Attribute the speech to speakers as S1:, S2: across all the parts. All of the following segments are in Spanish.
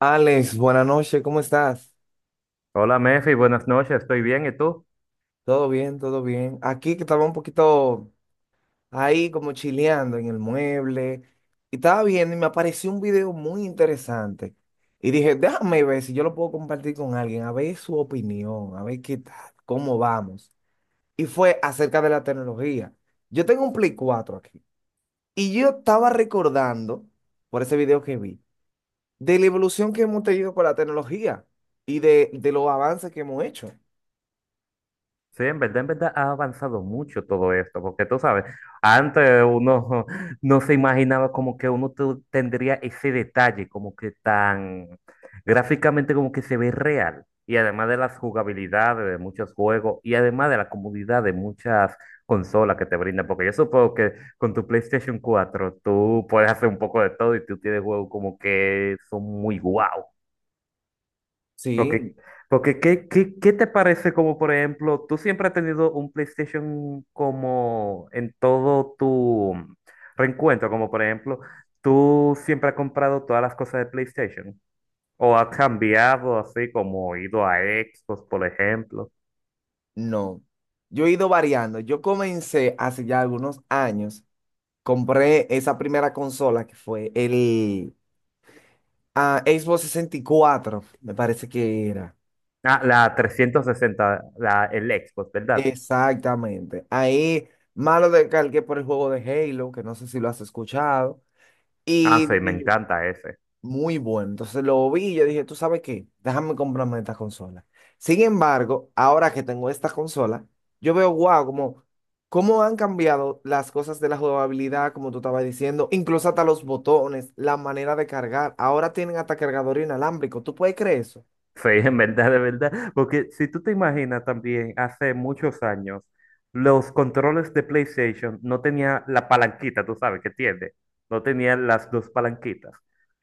S1: Alex, buenas noches, ¿cómo estás?
S2: Hola Mefi, buenas noches, estoy bien, ¿y tú?
S1: Todo bien, todo bien. Aquí que estaba un poquito ahí como chileando en el mueble y estaba viendo y me apareció un video muy interesante. Y dije, déjame ver si yo lo puedo compartir con alguien, a ver su opinión, a ver qué tal, cómo vamos. Y fue acerca de la tecnología. Yo tengo un Play 4 aquí y yo estaba recordando, por ese video que vi, de la evolución que hemos tenido con la tecnología y de los avances que hemos hecho.
S2: Sí, en verdad ha avanzado mucho todo esto, porque tú sabes, antes uno no se imaginaba como que uno tendría ese detalle, como que tan gráficamente como que se ve real, y además de las jugabilidades de muchos juegos, y además de la comodidad de muchas consolas que te brindan, porque yo supongo que con tu PlayStation cuatro tú puedes hacer un poco de todo y tú tienes juegos como que son muy guau.
S1: Sí.
S2: Porque, porque ¿qué te parece como, por ejemplo, tú siempre has tenido un PlayStation como en todo tu reencuentro, como por ejemplo, tú siempre has comprado todas las cosas de PlayStation, o has cambiado así como ido a Xbox, por ejemplo.
S1: No, yo he ido variando. Yo comencé hace ya algunos años, compré esa primera consola que fue el Xbox 64, me parece que era.
S2: Ah, la 360 el Xbox, ¿verdad?
S1: Exactamente. Ahí malo descargué por el juego de Halo, que no sé si lo has escuchado.
S2: Ah,
S1: Y
S2: sí, me
S1: dije,
S2: encanta ese.
S1: muy bueno. Entonces lo vi y yo dije, ¿tú sabes qué? Déjame comprarme esta consola. Sin embargo, ahora que tengo esta consola, yo veo, wow, como cómo han cambiado las cosas de la jugabilidad, como tú estabas diciendo, incluso hasta los botones, la manera de cargar. Ahora tienen hasta cargador inalámbrico. ¿Tú puedes creer eso?
S2: Sí, en verdad, de verdad. Porque si tú te imaginas también, hace muchos años, los controles de PlayStation no tenían la palanquita, tú sabes que tiene. No tenían las dos palanquitas.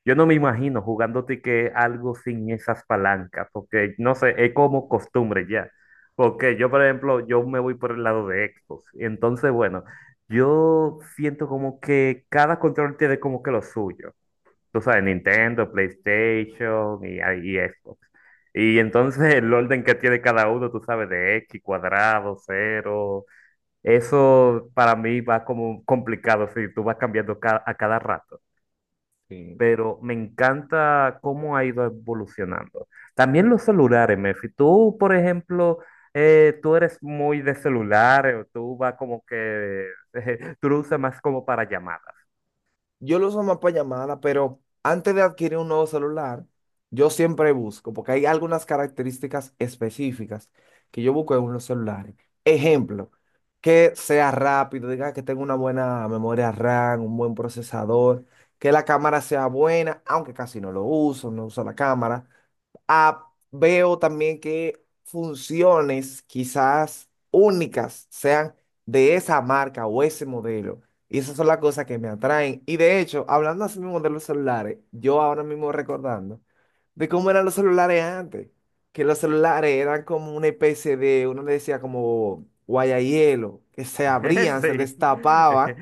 S2: Yo no me imagino jugándote que algo sin esas palancas, porque no sé, es como costumbre ya. Porque yo, por ejemplo, yo me voy por el lado de Xbox. Entonces, bueno, yo siento como que cada control tiene como que lo suyo, tú sabes, Nintendo, PlayStation y, y Xbox. Y entonces el orden que tiene cada uno, tú sabes, de X cuadrado, cero, eso para mí va como complicado, si tú vas cambiando a cada rato.
S1: Sí.
S2: Pero me encanta cómo ha ido evolucionando. También los celulares, Mefi. Tú, por ejemplo, tú eres muy de celulares, o tú vas como que, tú lo usas más como para llamadas.
S1: Yo lo uso más para llamadas, pero antes de adquirir un nuevo celular, yo siempre busco, porque hay algunas características específicas que yo busco en unos celulares. Ejemplo, que sea rápido, diga que tenga una buena memoria RAM, un buen procesador, que la cámara sea buena, aunque casi no lo uso, no uso la cámara. Veo también que funciones quizás únicas sean de esa marca o ese modelo. Y esas son las cosas que me atraen. Y de hecho, hablando así mismo de los celulares, yo ahora mismo recordando de cómo eran los celulares antes. Que los celulares eran como una especie de, uno le decía como guayahielo, que se abrían, se
S2: Sí.
S1: destapaban,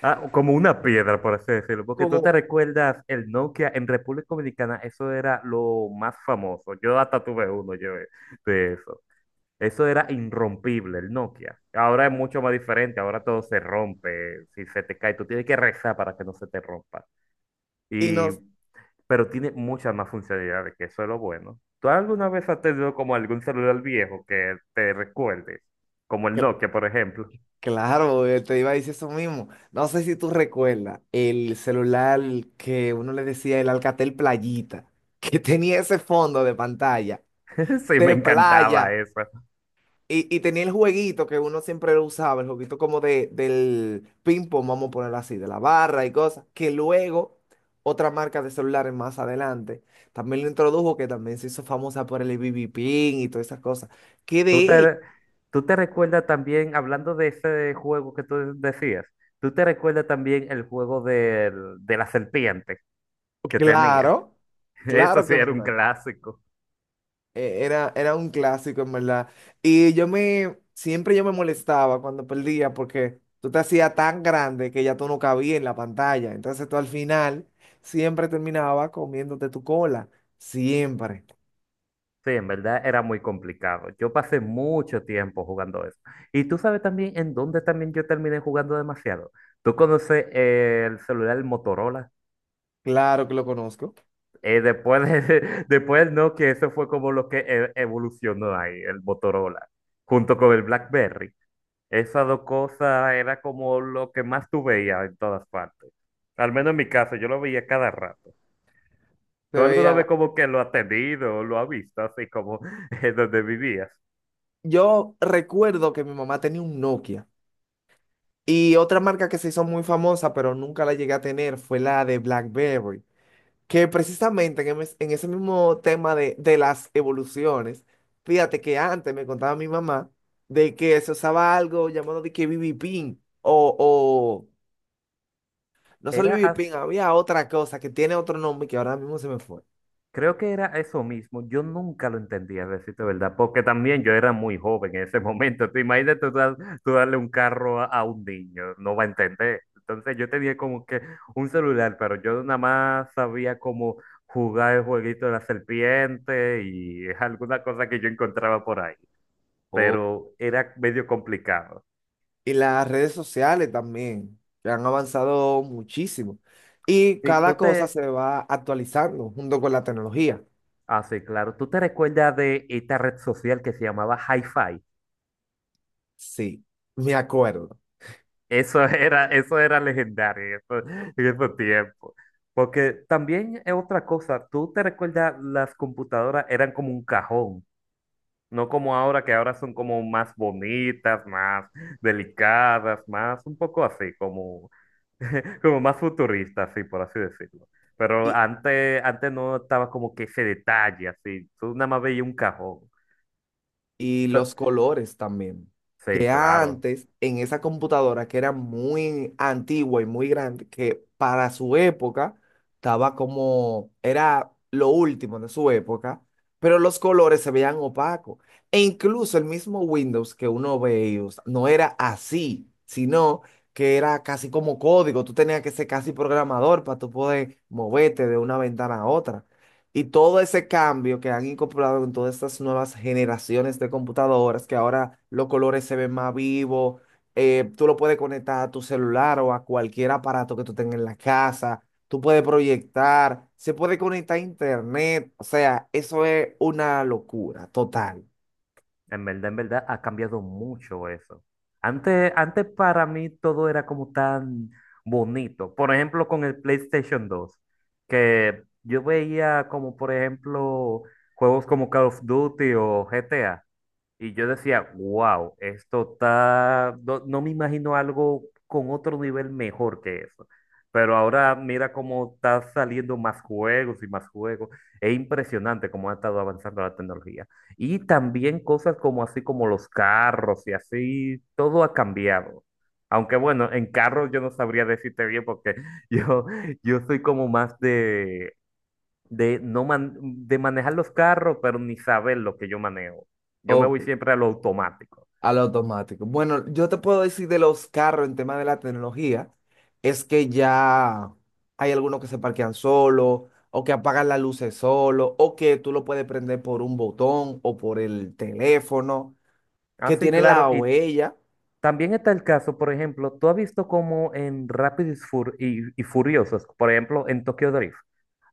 S2: Ah, como una piedra, por así decirlo, porque tú te
S1: como,
S2: recuerdas el Nokia en República Dominicana, eso era lo más famoso. Yo hasta tuve uno yo, de eso. Eso era irrompible, el Nokia. Ahora es mucho más diferente, ahora todo se rompe, si se te cae, tú tienes que rezar para que no se te rompa.
S1: y
S2: Y,
S1: nos,
S2: pero tiene muchas más funcionalidades, que eso es lo bueno. ¿Tú alguna vez has tenido como algún celular viejo que te recuerde? Como el Nokia, por ejemplo.
S1: claro, te iba a decir eso mismo. No sé si tú recuerdas el celular que uno le decía el Alcatel Playita, que tenía ese fondo de pantalla
S2: Sí, me
S1: de
S2: encantaba
S1: playa
S2: eso.
S1: y tenía el jueguito que uno siempre lo usaba, el jueguito como de, del ping-pong, vamos a ponerlo así, de la barra y cosas, que luego otra marca de celulares más adelante también lo introdujo, que también se hizo famosa por el BB Pin y todas esas cosas. Que
S2: ¿Tú
S1: de hecho,
S2: te, tú te recuerdas también, hablando de ese juego que tú decías, tú te recuerdas también el juego de la serpiente que tenía?
S1: claro,
S2: Eso
S1: claro
S2: sí
S1: que me
S2: era un
S1: acuerdo.
S2: clásico.
S1: Era un clásico, en verdad. Y yo siempre yo me molestaba cuando perdía porque tú te hacías tan grande que ya tú no cabías en la pantalla. Entonces tú al final siempre terminabas comiéndote tu cola. Siempre.
S2: Sí, en verdad era muy complicado. Yo pasé mucho tiempo jugando eso. Y tú sabes también en dónde también yo terminé jugando demasiado. ¿Tú conoces el celular Motorola?
S1: Claro que lo conozco.
S2: Después, después, no, que eso fue como lo que evolucionó ahí, el Motorola, junto con el BlackBerry. Esas dos cosas era como lo que más tú veías en todas partes. Al menos en mi caso, yo lo veía cada rato.
S1: Se
S2: ¿Tú alguna vez
S1: veía.
S2: como que lo has tenido, lo has visto, así como en donde vivías?
S1: Yo recuerdo que mi mamá tenía un Nokia. Y otra marca que se hizo muy famosa, pero nunca la llegué a tener, fue la de BlackBerry. Que precisamente en, en ese mismo tema de las evoluciones, fíjate que antes me contaba mi mamá de que se usaba algo llamado de que BB Pin o no solo
S2: Era
S1: BB Pin,
S2: así.
S1: había otra cosa que tiene otro nombre que ahora mismo se me fue.
S2: Creo que era eso mismo. Yo nunca lo entendía, a decirte verdad, porque también yo era muy joven en ese momento. Tú imagínate tú, tú darle un carro a un niño, no va a entender. Entonces yo tenía como que un celular, pero yo nada más sabía cómo jugar el jueguito de la serpiente y alguna cosa que yo encontraba por ahí,
S1: Oh,
S2: pero era medio complicado.
S1: Y las redes sociales también, que han avanzado muchísimo. Y
S2: Sí,
S1: cada
S2: tú
S1: cosa
S2: te,
S1: se va actualizando junto con la tecnología.
S2: sí, claro, tú te recuerdas de esta red social que se llamaba hi.
S1: Sí, me acuerdo.
S2: Eso era legendario en en esos tiempos. Porque también es otra cosa, tú te recuerdas, las computadoras eran como un cajón, no como ahora, que ahora son como más bonitas, más delicadas, más un poco así, como, como más futuristas, así por así decirlo. Pero antes, antes no estaba como que ese detalle, así, tú nada más veías un cajón.
S1: Y
S2: T-
S1: los colores también.
S2: Sí,
S1: Que
S2: claro.
S1: antes, en esa computadora que era muy antigua y muy grande, que para su época estaba como, era lo último de su época, pero los colores se veían opacos. E incluso el mismo Windows que uno ve y usa, no era así, sino que era casi como código. Tú tenías que ser casi programador para tú poder moverte de una ventana a otra. Y todo ese cambio que han incorporado en todas estas nuevas generaciones de computadoras, que ahora los colores se ven más vivos, tú lo puedes conectar a tu celular o a cualquier aparato que tú tengas en la casa, tú puedes proyectar, se puede conectar a internet, o sea, eso es una locura total.
S2: En verdad, ha cambiado mucho eso. Antes, antes para mí todo era como tan bonito. Por ejemplo, con el PlayStation dos, que yo veía como, por ejemplo, juegos como Call of Duty o GTA. Y yo decía, wow, esto está, no, no me imagino algo con otro nivel mejor que eso. Pero ahora mira cómo está saliendo más juegos y más juegos. Es impresionante cómo ha estado avanzando la tecnología. Y también cosas como así como los carros y así, todo ha cambiado. Aunque bueno, en carros yo no sabría decirte bien porque yo, yo soy como más de no man- de manejar los carros, pero ni saber lo que yo manejo. Yo me
S1: Ok.
S2: voy siempre a lo automático.
S1: A lo automático. Bueno, yo te puedo decir de los carros en tema de la tecnología, es que ya hay algunos que se parquean solo, o que apagan las luces solo, o que tú lo puedes prender por un botón o por el teléfono,
S2: Ah,
S1: que
S2: sí,
S1: tienen
S2: claro.
S1: la
S2: Y
S1: huella.
S2: también está el caso, por ejemplo, tú has visto como en Rápidos y, y Furiosos, por ejemplo, en Tokyo Drift,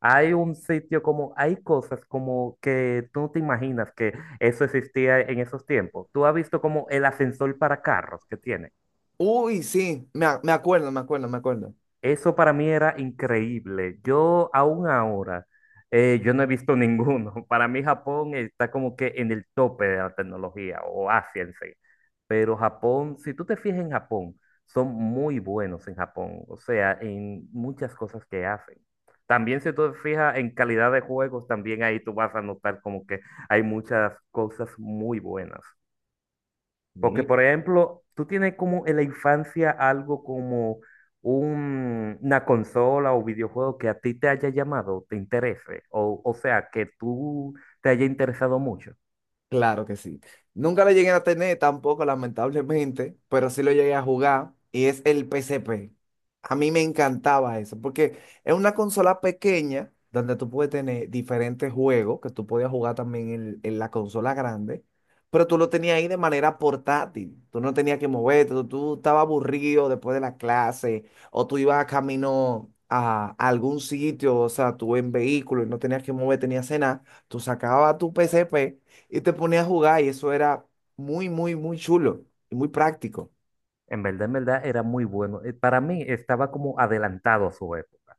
S2: hay un sitio como, hay cosas como que tú no te imaginas que eso existía en esos tiempos. Tú has visto como el ascensor para carros que tiene.
S1: Uy, sí, me, me acuerdo, me acuerdo, me acuerdo.
S2: Eso para mí era increíble. Yo aún ahora, yo no he visto ninguno. Para mí Japón está como que en el tope de la tecnología, o Asia en sí. Pero Japón, si tú te fijas en Japón, son muy buenos en Japón, o sea, en muchas cosas que hacen. También si tú te fijas en calidad de juegos, también ahí tú vas a notar como que hay muchas cosas muy buenas. Porque,
S1: Sí.
S2: por ejemplo, tú tienes como en la infancia algo como una consola o videojuego que a ti te haya llamado, te interese, o sea, que tú te haya interesado mucho.
S1: Claro que sí. Nunca lo llegué a tener tampoco, lamentablemente, pero sí lo llegué a jugar y es el PCP. A mí me encantaba eso, porque es una consola pequeña donde tú puedes tener diferentes juegos que tú podías jugar también en la consola grande, pero tú lo tenías ahí de manera portátil. Tú no tenías que moverte, tú estabas aburrido después de la clase o tú ibas a camino a, algún sitio, o sea, tú en vehículo y no tenías que moverte ni hacer nada. Tú sacabas tu PCP y te ponías a jugar y eso era muy, muy, muy chulo y muy práctico.
S2: En verdad, era muy bueno. Para mí estaba como adelantado a su época.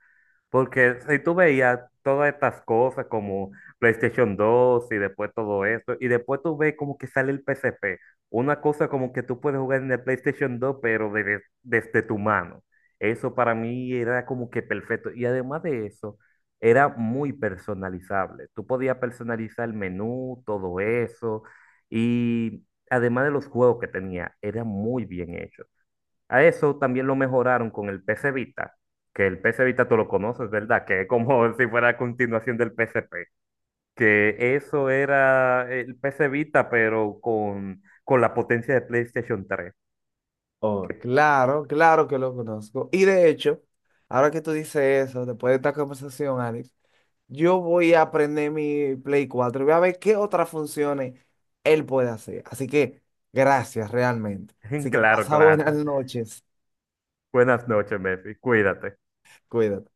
S2: Porque si tú veías todas estas cosas como PlayStation dos y después todo esto, y después tú ves como que sale el PSP, una cosa como que tú puedes jugar en el PlayStation dos pero desde, desde tu mano. Eso para mí era como que perfecto. Y además de eso, era muy personalizable. Tú podías personalizar el menú, todo eso, y además de los juegos que tenía, era muy bien hecho. A eso también lo mejoraron con el PS Vita, que el PS Vita tú lo conoces, ¿verdad? Que es como si fuera a continuación del PSP, que eso era el PS Vita, pero con la potencia de PlayStation tres.
S1: Oh, claro, claro que lo conozco. Y de hecho, ahora que tú dices eso, después de esta conversación, Alex, yo voy a aprender mi Play 4 y voy a ver qué otras funciones él puede hacer. Así que gracias realmente. Así que
S2: Claro,
S1: pasa buenas
S2: claro.
S1: noches.
S2: Buenas noches, Messi. Cuídate.
S1: Cuídate.